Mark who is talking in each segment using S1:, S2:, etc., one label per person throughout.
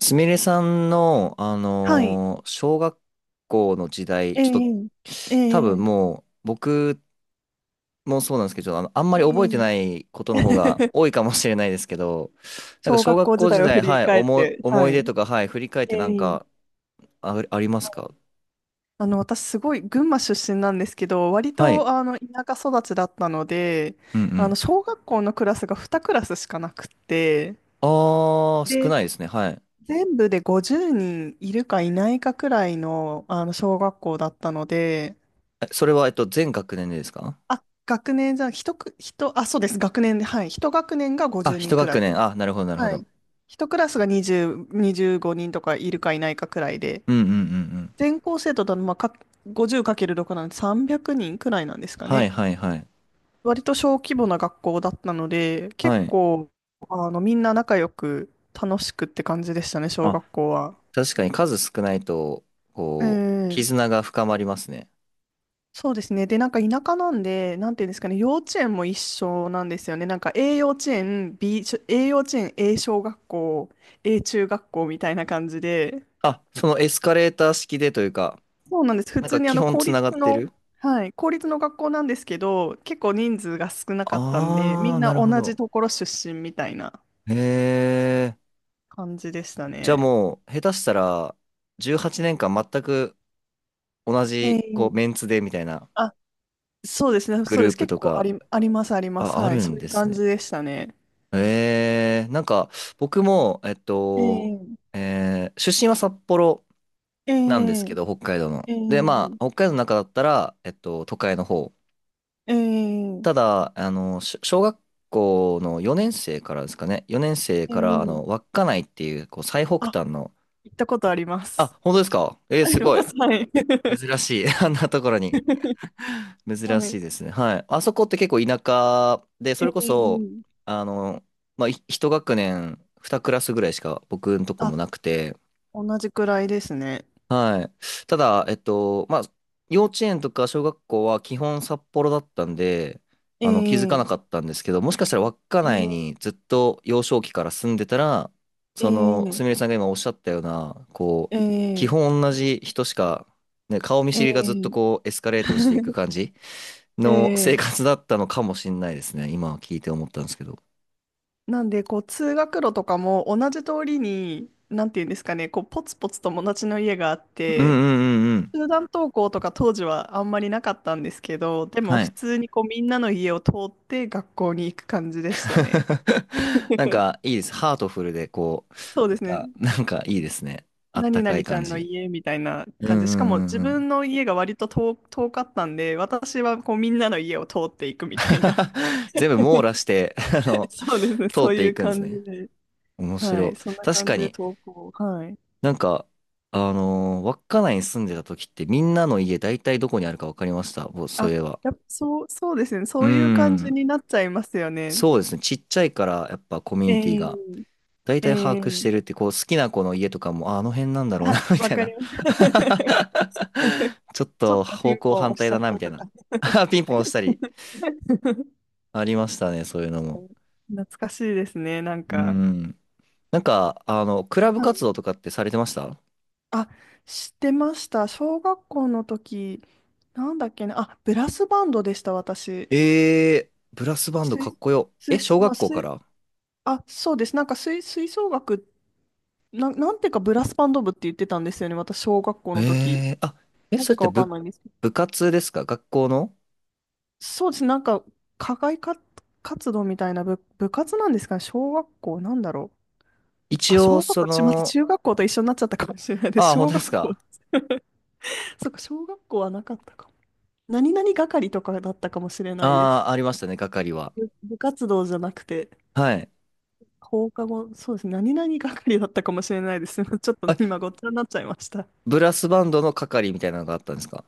S1: すみれさんの、
S2: はい。
S1: 小学校の時代、
S2: え
S1: ちょっと、
S2: え、え
S1: 多分
S2: え、
S1: もう、僕もそうなんですけど、あんま
S2: え
S1: り覚えて
S2: え。
S1: ないことの方が 多いかもしれないですけど、なんか
S2: 小
S1: 小
S2: 学
S1: 学
S2: 校時
S1: 校時
S2: 代を振
S1: 代、
S2: り
S1: はい、
S2: 返って、
S1: 思
S2: は
S1: い出
S2: い。
S1: とか、はい、振り返っ
S2: え
S1: てなん
S2: え。
S1: か、あ、ありますか？
S2: あの、私すごい群馬出身なんですけど、割
S1: はい。
S2: と田舎育ちだったので、
S1: うんう
S2: あの
S1: ん。
S2: 小学校のクラスが2クラスしかなくって、
S1: あー、少
S2: で、
S1: ないですね。はい。
S2: 全部で50人いるかいないかくらいの、あの小学校だったので、
S1: え、それは、全学年でですか？
S2: あ、学年じゃ、一く、一、あ、そうです、学年で、はい、一学年が
S1: あ、
S2: 50
S1: 一
S2: 人くら
S1: 学
S2: いで、
S1: 年。あ、なるほど、なるほ
S2: は
S1: ど。
S2: い。一クラスが20、25人とかいるかいないかくらいで、
S1: うんうんうんうん。
S2: 全校生徒だとまあか50かける× 6なんで300人くらいなんですか
S1: は
S2: ね。
S1: いはいはい。
S2: 割と小規模な学校だったので、
S1: は
S2: 結
S1: い。
S2: 構、みんな仲良く楽しくって感じでしたね、小
S1: あ、
S2: 学校は。
S1: 確かに数少ないと、
S2: う
S1: こう、
S2: ん。
S1: 絆が深まりますね。
S2: そうですね。で、なんか田舎なんで、なんていうんですかね、幼稚園も一緒なんですよね。なんか A 幼稚園、A 幼稚園、A 小学校、A 中学校みたいな感じで、
S1: あ、そのエスカレーター式でというか、
S2: そうなんです。普
S1: なん
S2: 通
S1: か
S2: にあ
S1: 基
S2: の
S1: 本
S2: 公
S1: つなが
S2: 立
S1: って
S2: の、
S1: る。
S2: はい、公立の学校なんですけど、結構人数が少なかったんで、み
S1: ああー、
S2: ん
S1: な
S2: な
S1: るほ
S2: 同じ
S1: ど。
S2: ところ出身みたいな
S1: へえ。
S2: 感じでした
S1: じゃあ
S2: ね。
S1: もう、下手したら、18年間全く同じ、こう、
S2: え
S1: メ
S2: え、
S1: ンツでみたいな
S2: あ、そうですね、
S1: グ
S2: そうで
S1: ルー
S2: す。
S1: プ
S2: 結
S1: と
S2: 構
S1: か、
S2: あります、あります。
S1: あ、あ
S2: はい、
S1: るん
S2: そうい
S1: で
S2: う
S1: す
S2: 感じ
S1: ね。
S2: でしたね。
S1: ええ、なんか、僕も、
S2: ええ、
S1: 出身は札幌
S2: え
S1: なんですけど、北海道の。
S2: え、え
S1: で、
S2: え、
S1: まあ、北海道の中だったら、都会の方。
S2: え
S1: ただ、小学校の4年生からですかね。4年生
S2: え、
S1: から、
S2: ええ。
S1: 稚内っていう、こう、最北
S2: あ、
S1: 端の、
S2: 行ったことあります。
S1: あ、本当ですか？えー、
S2: あり
S1: すご
S2: ま
S1: い。
S2: す、はい。
S1: 珍しい。あんなところに。珍
S2: は
S1: し
S2: い。
S1: いですね。はい。あそこって結構田舎で、そ
S2: え
S1: れこそ、
S2: え、
S1: あの、まあ、一学年、二クラスぐらいしか僕のとこ
S2: あ、
S1: もなくて、
S2: 同じくらいですね。
S1: はい。ただ、まあ、幼稚園とか小学校は基本札幌だったんで、気づかな
S2: え
S1: か
S2: え、
S1: ったんですけど、もしかしたら稚内
S2: ええ、
S1: にずっと幼少期から住んでたら、その、
S2: え
S1: すみれ
S2: え、
S1: さんが今おっしゃったような、こう、基
S2: ええ、
S1: 本同じ人しか、ね、顔見
S2: え
S1: 知りがずっと
S2: え。
S1: こう、エスカレートしていく 感じの生
S2: ええ。
S1: 活だったのかもしれないですね。今聞いて思ったんですけど。
S2: なんで、こう、通学路とかも同じ通りに、なんていうんですかね、こう、ポツポツ友達の家があっ
S1: うんう
S2: て、
S1: んうんうん。
S2: 集団登校とか当時はあんまりなかったんですけど、でも
S1: は
S2: 普
S1: い。
S2: 通にこう、みんなの家を通って学校に行く感じでしたね。
S1: なん か、いいです。ハートフルで、こ
S2: そうで
S1: う、
S2: すね。
S1: か、なんかいいですね。あった
S2: 何
S1: かい
S2: 々ちゃ
S1: 感
S2: んの
S1: じ。
S2: 家みたいな
S1: うん
S2: 感じ。しかも
S1: うんうん
S2: 自
S1: うん。
S2: 分の家が割と遠かったんで、私はこうみんなの家を通っていくみたいな。
S1: 全部網羅して、あ の、
S2: そうですね。
S1: 通っ
S2: そう
S1: て
S2: い
S1: い
S2: う
S1: くんです
S2: 感じ
S1: ね。
S2: で。
S1: 面
S2: は
S1: 白
S2: い、そん
S1: い。
S2: な
S1: 確
S2: 感
S1: か
S2: じで
S1: に。
S2: 投稿。はい。
S1: なんか、稚内に住んでた時ってみんなの家大体どこにあるか分かりました。ぼそう
S2: あ、
S1: いえば。
S2: やっぱそうですね。
S1: う
S2: そ
S1: ー
S2: ういう感じ
S1: ん。
S2: になっちゃいますよね。
S1: そうですね。ちっちゃいからやっぱコミュニティ
S2: え
S1: が大
S2: え、え
S1: 体把握し
S2: え。
S1: てるって、こう好きな子の家とかも、あ、あの辺なんだろう
S2: あ、
S1: な、み
S2: わ
S1: たい
S2: かり
S1: な。
S2: ます。
S1: ちょっ
S2: ちょっ
S1: と
S2: とピン
S1: 方向
S2: ポン
S1: 反
S2: 押し
S1: 対
S2: ちゃ
S1: だ
S2: っ
S1: な、み
S2: た
S1: たい
S2: と
S1: な。
S2: か。
S1: ピンポン押したり。ありましたね、そういうのも。
S2: 懐かしいですね、なん
S1: う
S2: か。
S1: ん。なんか、クラブ
S2: は
S1: 活
S2: い。
S1: 動とかってされてました？
S2: あ、知ってました。小学校の時、なんだっけな。あ、ブラスバンドでした、私。
S1: えー、ブラスバンドかっ
S2: 吹、
S1: こよ。え、
S2: 吹、
S1: 小
S2: まあ、
S1: 学校か
S2: 吹、
S1: ら？
S2: あ、そうです。なんか吹奏楽っな、なんていうかブラスバンド部って言ってたんですよね、私、小学校の時。
S1: えー、あ、え、
S2: な
S1: そ
S2: ぜ
S1: れっ
S2: か
S1: て
S2: わかん
S1: 部、
S2: ないんですけど。
S1: 部活ですか？学校の。
S2: そうです、なんか、課外活動みたいな部活なんですかね、小学校、なんだろう。
S1: 一
S2: あ、
S1: 応、
S2: 小学
S1: そ
S2: 校、待って、
S1: の、
S2: 中学校と一緒になっちゃったかもしれないです。
S1: ああ、本
S2: 小
S1: 当で
S2: 学
S1: す
S2: 校、
S1: か？
S2: そっか、小学校はなかったかも。何々係とかだったかもしれないで
S1: あ
S2: す。
S1: あー、ありましたね、係は。
S2: 部活動じゃなくて、
S1: はい。
S2: 放課後、そうですね、何々係だったかもしれないです。ちょっと
S1: あ、
S2: 今、ごっちゃになっちゃいました。
S1: ブラスバンドの係みたいなのがあったんですか？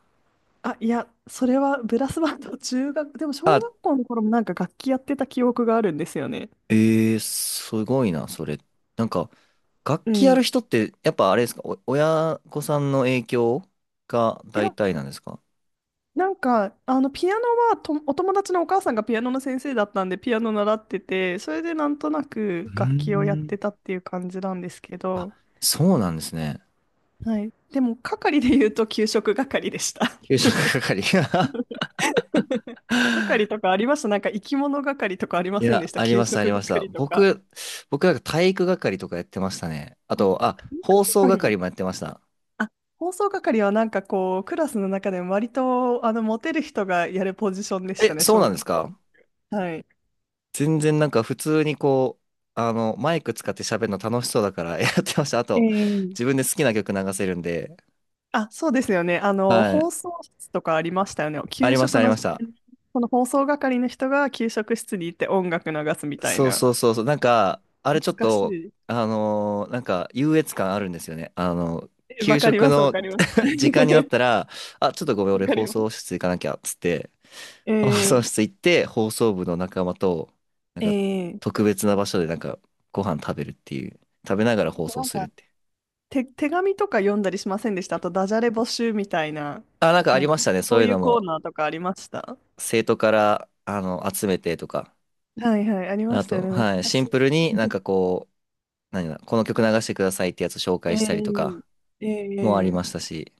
S2: あ、いや、それはブラスバンド、中学、でも小
S1: あ、
S2: 学校の頃もなんか楽器やってた記憶があるんですよね。
S1: えー、すごいな、それ。なんか、楽
S2: う
S1: 器
S2: ん。
S1: や
S2: い
S1: る人って、やっぱあれですかお、親御さんの影響が大
S2: や、
S1: 体なんですか？
S2: なんか、あの、ピアノはと、お友達のお母さんがピアノの先生だったんで、ピアノ習ってて、それでなんとな
S1: う
S2: く楽器をやっ
S1: ーん。
S2: てたっていう感じなんですけ
S1: あ、
S2: ど、
S1: そうなんですね。
S2: はい。でも、係で言うと、給食係でした。
S1: 給食係。
S2: 係とかありましたなんか、生き物係とかありま
S1: い
S2: せんで
S1: や、
S2: した
S1: あり
S2: 給
S1: ました、あり
S2: 食
S1: ました。
S2: 係とか。
S1: 僕なんか体育係とかやってましたね。あ
S2: あ、
S1: と、あ、
S2: 体育
S1: 放送
S2: 係、
S1: 係もやってました。
S2: あ、放送係はなんかこう、クラスの中でも割と、モテる人がやるポジションでし
S1: え、
S2: たね、
S1: そう
S2: 小
S1: なんで
S2: 学
S1: す
S2: 校。
S1: か？
S2: はい。
S1: 全然なんか普通にこう、マイク使って喋るの楽しそうだから やってました。あと、
S2: え
S1: 自
S2: え、
S1: 分で好きな曲流せるんで。
S2: あ、そうですよね。あの、
S1: は
S2: 放
S1: い。
S2: 送室とかありましたよね。
S1: あり
S2: 給
S1: ました、
S2: 食
S1: あり
S2: の
S1: まし
S2: 時
S1: た。
S2: 間に、この放送係の人が給食室に行って音楽流すみたい
S1: そう
S2: な。
S1: そうそうそう。なんか、あれ
S2: 懐
S1: ちょっ
S2: かし
S1: と、
S2: い。
S1: なんか優越感あるんですよね。
S2: え、わ
S1: 給
S2: かり
S1: 食
S2: ます、わ
S1: の
S2: かります。
S1: 時 間になっ
S2: わ
S1: たら、あ、ちょっとごめん、俺
S2: か
S1: 放
S2: りま
S1: 送
S2: す。
S1: 室行かなきゃ、っつって、
S2: え
S1: 放送室
S2: え、
S1: 行って、放送部の仲間と、なんか、
S2: ええ。
S1: 特別な場所でなんか、ご飯食べるっていう、食べながら
S2: あ
S1: 放
S2: と
S1: 送
S2: なん
S1: する
S2: か、
S1: って。
S2: 手紙とか読んだりしませんでしたあと、ダジャレ募集みたいな、
S1: あ、なんかあ
S2: な
S1: り
S2: んか、
S1: ましたね、
S2: そ
S1: そう
S2: う
S1: いう
S2: い
S1: の
S2: うコー
S1: も、
S2: ナーとかありました
S1: 生徒から、集めてとか、
S2: はいはい、ありま
S1: あ
S2: したよ
S1: と、
S2: ね。懐
S1: はい、
S2: か
S1: シン
S2: し
S1: プルになんかこう、何だ、この曲流してくださいってやつ紹
S2: い。
S1: 介したりと
S2: え
S1: か、
S2: え、
S1: もあり
S2: ええ。
S1: ましたし、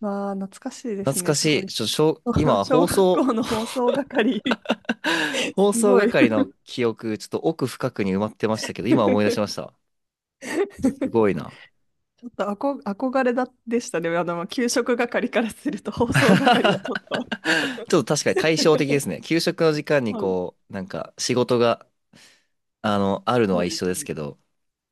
S2: まあ、懐かしいです
S1: 懐
S2: ね。
S1: か
S2: す
S1: し
S2: ご
S1: い、
S2: い。
S1: ちょ、しょ、今 は
S2: 小
S1: 放
S2: 学
S1: 送
S2: 校の放送係、
S1: 放
S2: す
S1: 送
S2: ごい。
S1: 係の記憶、ちょっと奥深くに埋まってましたけど、今思い出し ました。すごいな。
S2: ちょっと憧れだでしたね。あの、給食係からすると放送係はちょっと。
S1: ちょっと確かに対照的で すね。給食の時間に
S2: そう
S1: こう、なんか仕事が、あるの
S2: そ
S1: は
S2: う
S1: 一
S2: で
S1: 緒
S2: す
S1: です
S2: ね。
S1: けど。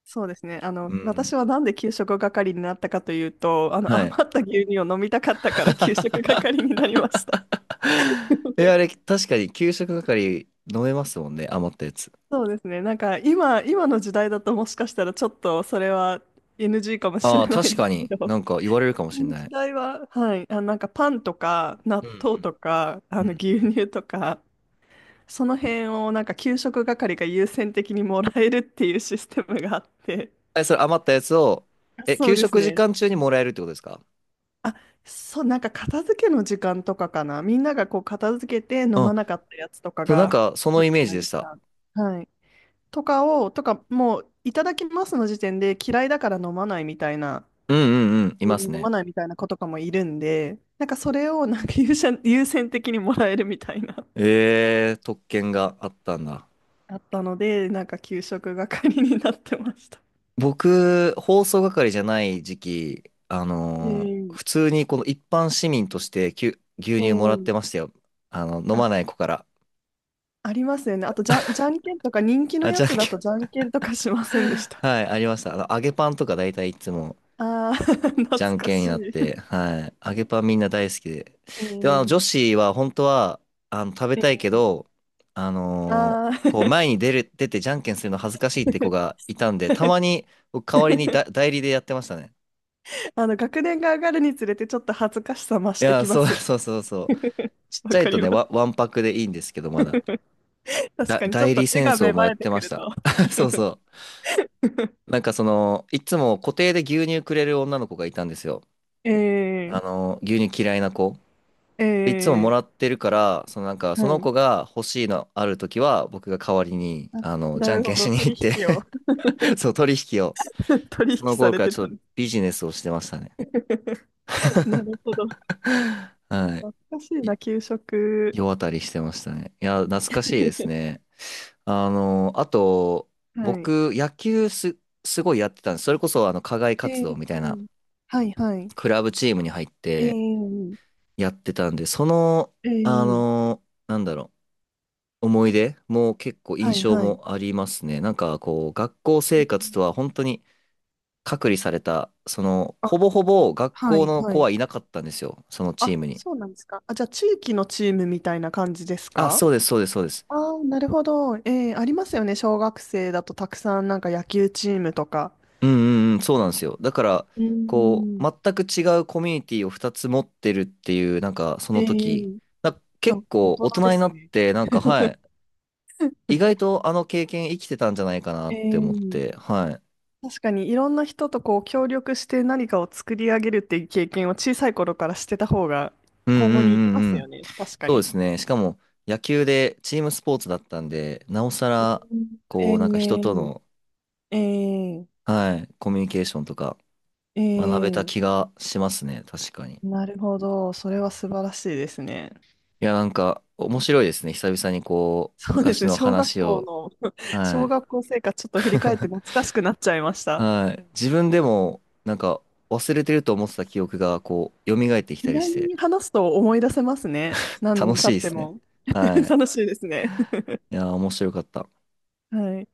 S2: そうですね。あ
S1: う
S2: の、
S1: ん。
S2: 私はなんで給食係になったかというと、あの、
S1: は
S2: 余
S1: い。
S2: った牛乳を飲みたかったから給食係になりました。
S1: え、あれ、確かに給食係飲めますもんね。余ったやつ。
S2: そうですね。なんか今の時代だともしかしたらちょっとそれは NG かもし
S1: あ
S2: れ
S1: あ、
S2: な
S1: 確
S2: いで
S1: か
S2: すけ
S1: に
S2: ど、
S1: なんか言われるかも
S2: 昔
S1: しれ
S2: の
S1: な
S2: 時
S1: い。
S2: 代は、はい、あ、なんかパンとか納
S1: うんう
S2: 豆と
S1: ん
S2: か
S1: う
S2: あの
S1: ん。
S2: 牛乳とか、その辺をなんか給食係が優先的にもらえるっていうシステムがあって、
S1: え、それ余ったやつを、え、
S2: そう
S1: 給
S2: です
S1: 食時
S2: ね。
S1: 間中にもらえるってことですか？
S2: あ、そう、なんか片付けの時間とかかな。みんながこう片付けて飲
S1: う
S2: ま
S1: ん。
S2: なかったやつとか
S1: そう、なん
S2: が
S1: かそ
S2: あ
S1: の
S2: る
S1: イ
S2: じ
S1: メー
S2: ゃな
S1: ジ
S2: い
S1: で
S2: で
S1: し
S2: す
S1: た。
S2: か。はい。とかを、とか、もう、いただきますの時点で嫌いだから
S1: うんうんうん。います
S2: 飲ま
S1: ね。
S2: ないみたいな子とかもいるんで、なんかそれをなんか優先的にもらえるみたいな、
S1: ええ、特権があったんだ。
S2: あったので、なんか給食係になってました。
S1: 僕、放送係じゃない時期、
S2: えー、
S1: 普通にこの一般市民として牛
S2: え
S1: 乳もらって
S2: ー、
S1: ましたよ。飲
S2: あ、
S1: まない子から。
S2: ありますよね。あとじゃんけんとか、人気の
S1: あ、
S2: や
S1: じゃん
S2: つ
S1: け
S2: だとじ
S1: ん。
S2: ゃんけんとかしませんでし た
S1: はい、ありました。揚げパンとか大体いつも
S2: ああ、懐
S1: じゃん
S2: か
S1: けん
S2: し
S1: になっ
S2: い。
S1: て、はい、揚げパンみんな大好きで。
S2: え
S1: でも、女
S2: ー、
S1: 子は本当は、食べ
S2: えー、
S1: たいけど、
S2: あ
S1: こう、
S2: あ、
S1: 前に出る、出てじゃんけんするの恥ずかしいって子がいたんで、たま に僕代わりにだ代理でやってましたね。
S2: あの、学年が上がるにつれてちょっと恥ずかしさ増
S1: い
S2: して
S1: や、
S2: きま
S1: そう
S2: すよ。
S1: そうそうそう。ちっち
S2: わ
S1: ゃい
S2: か
S1: と
S2: りま
S1: ね、
S2: す。
S1: わんぱくでいいんですけど、まだ。
S2: 確かにちょっ
S1: 代
S2: と
S1: 理
S2: 字
S1: 戦
S2: が芽
S1: 争もや
S2: 生
S1: っ
S2: えて
S1: て
S2: く
S1: まし
S2: る
S1: た。
S2: と。
S1: そうそう。なんかその、いつも固定で牛乳くれる女の子がいたんですよ。
S2: ええ、
S1: 牛乳嫌いな子。いつもも
S2: ええ。
S1: らってるから、そのなんか、
S2: は
S1: その
S2: い。
S1: 子が欲しいのあるときは、僕が代わりに、
S2: あ、
S1: じ
S2: な
S1: ゃん
S2: る
S1: け
S2: ほ
S1: んし
S2: ど。
S1: に行
S2: 取
S1: って
S2: 引を、
S1: そう、取引を。
S2: 取引
S1: その
S2: さ
S1: 頃
S2: れ
S1: から
S2: て
S1: ち
S2: た
S1: ょっと
S2: んで
S1: ビジネスをしてましたね。
S2: す。なるほど。
S1: は
S2: 懐
S1: い。
S2: かしい
S1: い
S2: な、給食。
S1: 世渡りしてましたね。いや、懐かしいです ね。あと、
S2: はい。
S1: 僕、野球す、すごいやってたんです。それこそ、課外
S2: え
S1: 活動
S2: え、
S1: みたいな、
S2: はいはい。
S1: クラブチームに入って
S2: ええ、
S1: やってたんで、その、
S2: ええ、
S1: なんだろう、思い出も結構
S2: は
S1: 印
S2: い
S1: 象
S2: はい。
S1: もありますね。なんか、こう、学校生活とは本当に隔離された、その、
S2: あ、
S1: ほぼほぼ学
S2: は
S1: 校
S2: い
S1: の
S2: は
S1: 子
S2: い。
S1: はいなかったんですよ、そのチー
S2: あ、
S1: ムに。
S2: そうなんですか？あ、じゃあ地域のチームみたいな感じです
S1: あ、
S2: か？
S1: そうです、そうです、そうです。
S2: ああ、なるほど。えー、ありますよね。小学生だとたくさんなんか野球チームとか。
S1: うんうんうん、そうなんですよ。だから、
S2: う
S1: こう、
S2: ん。
S1: 全く違うコミュニティを2つ持ってるっていう、なんか、そ
S2: え
S1: の時、
S2: ー、あ、
S1: 結
S2: 大
S1: 構
S2: 人
S1: 大
S2: で
S1: 人に
S2: す
S1: なっ
S2: ね。
S1: て、なんか、は い、意外とあの経験生きてたんじゃないかな
S2: え
S1: って思っ
S2: ー、
S1: て、はい。
S2: 確かにいろんな人とこう協力して何かを作り上げるっていう経験を小さい頃からしてた方が
S1: うんう
S2: 今後に行き
S1: ん
S2: ま
S1: うん
S2: す
S1: う
S2: よ
S1: ん。
S2: ね。確か
S1: そうで
S2: に。
S1: すね。しかも、野球でチームスポーツだったんで、なおさら、
S2: うん、
S1: こう、なんか人
S2: え
S1: と
S2: ー、
S1: の、
S2: え
S1: はい、コミュニケーションとか
S2: ー、え
S1: 学べた
S2: ー、
S1: 気がしますね。確かに。
S2: なるほど。それは素晴らしいですね。
S1: いや、なんか、面白いですね。久々にこう、
S2: そうです
S1: 昔
S2: ね、
S1: の
S2: 小学
S1: 話
S2: 校
S1: を、
S2: の、
S1: は
S2: 小
S1: い。
S2: 学校生活ちょっと振り返って懐 かしくなっちゃいました。
S1: はい。自分でも、なんか、忘れてると思ってた記憶が、こう、蘇ってきた
S2: 意
S1: りし
S2: 外
S1: て、
S2: に話すと思い出せますね。何
S1: 楽
S2: 年
S1: し
S2: 経
S1: い
S2: っ
S1: で
S2: て
S1: すね。
S2: も。
S1: は い。
S2: 楽しいですね。
S1: いやー、面白かった。
S2: はい。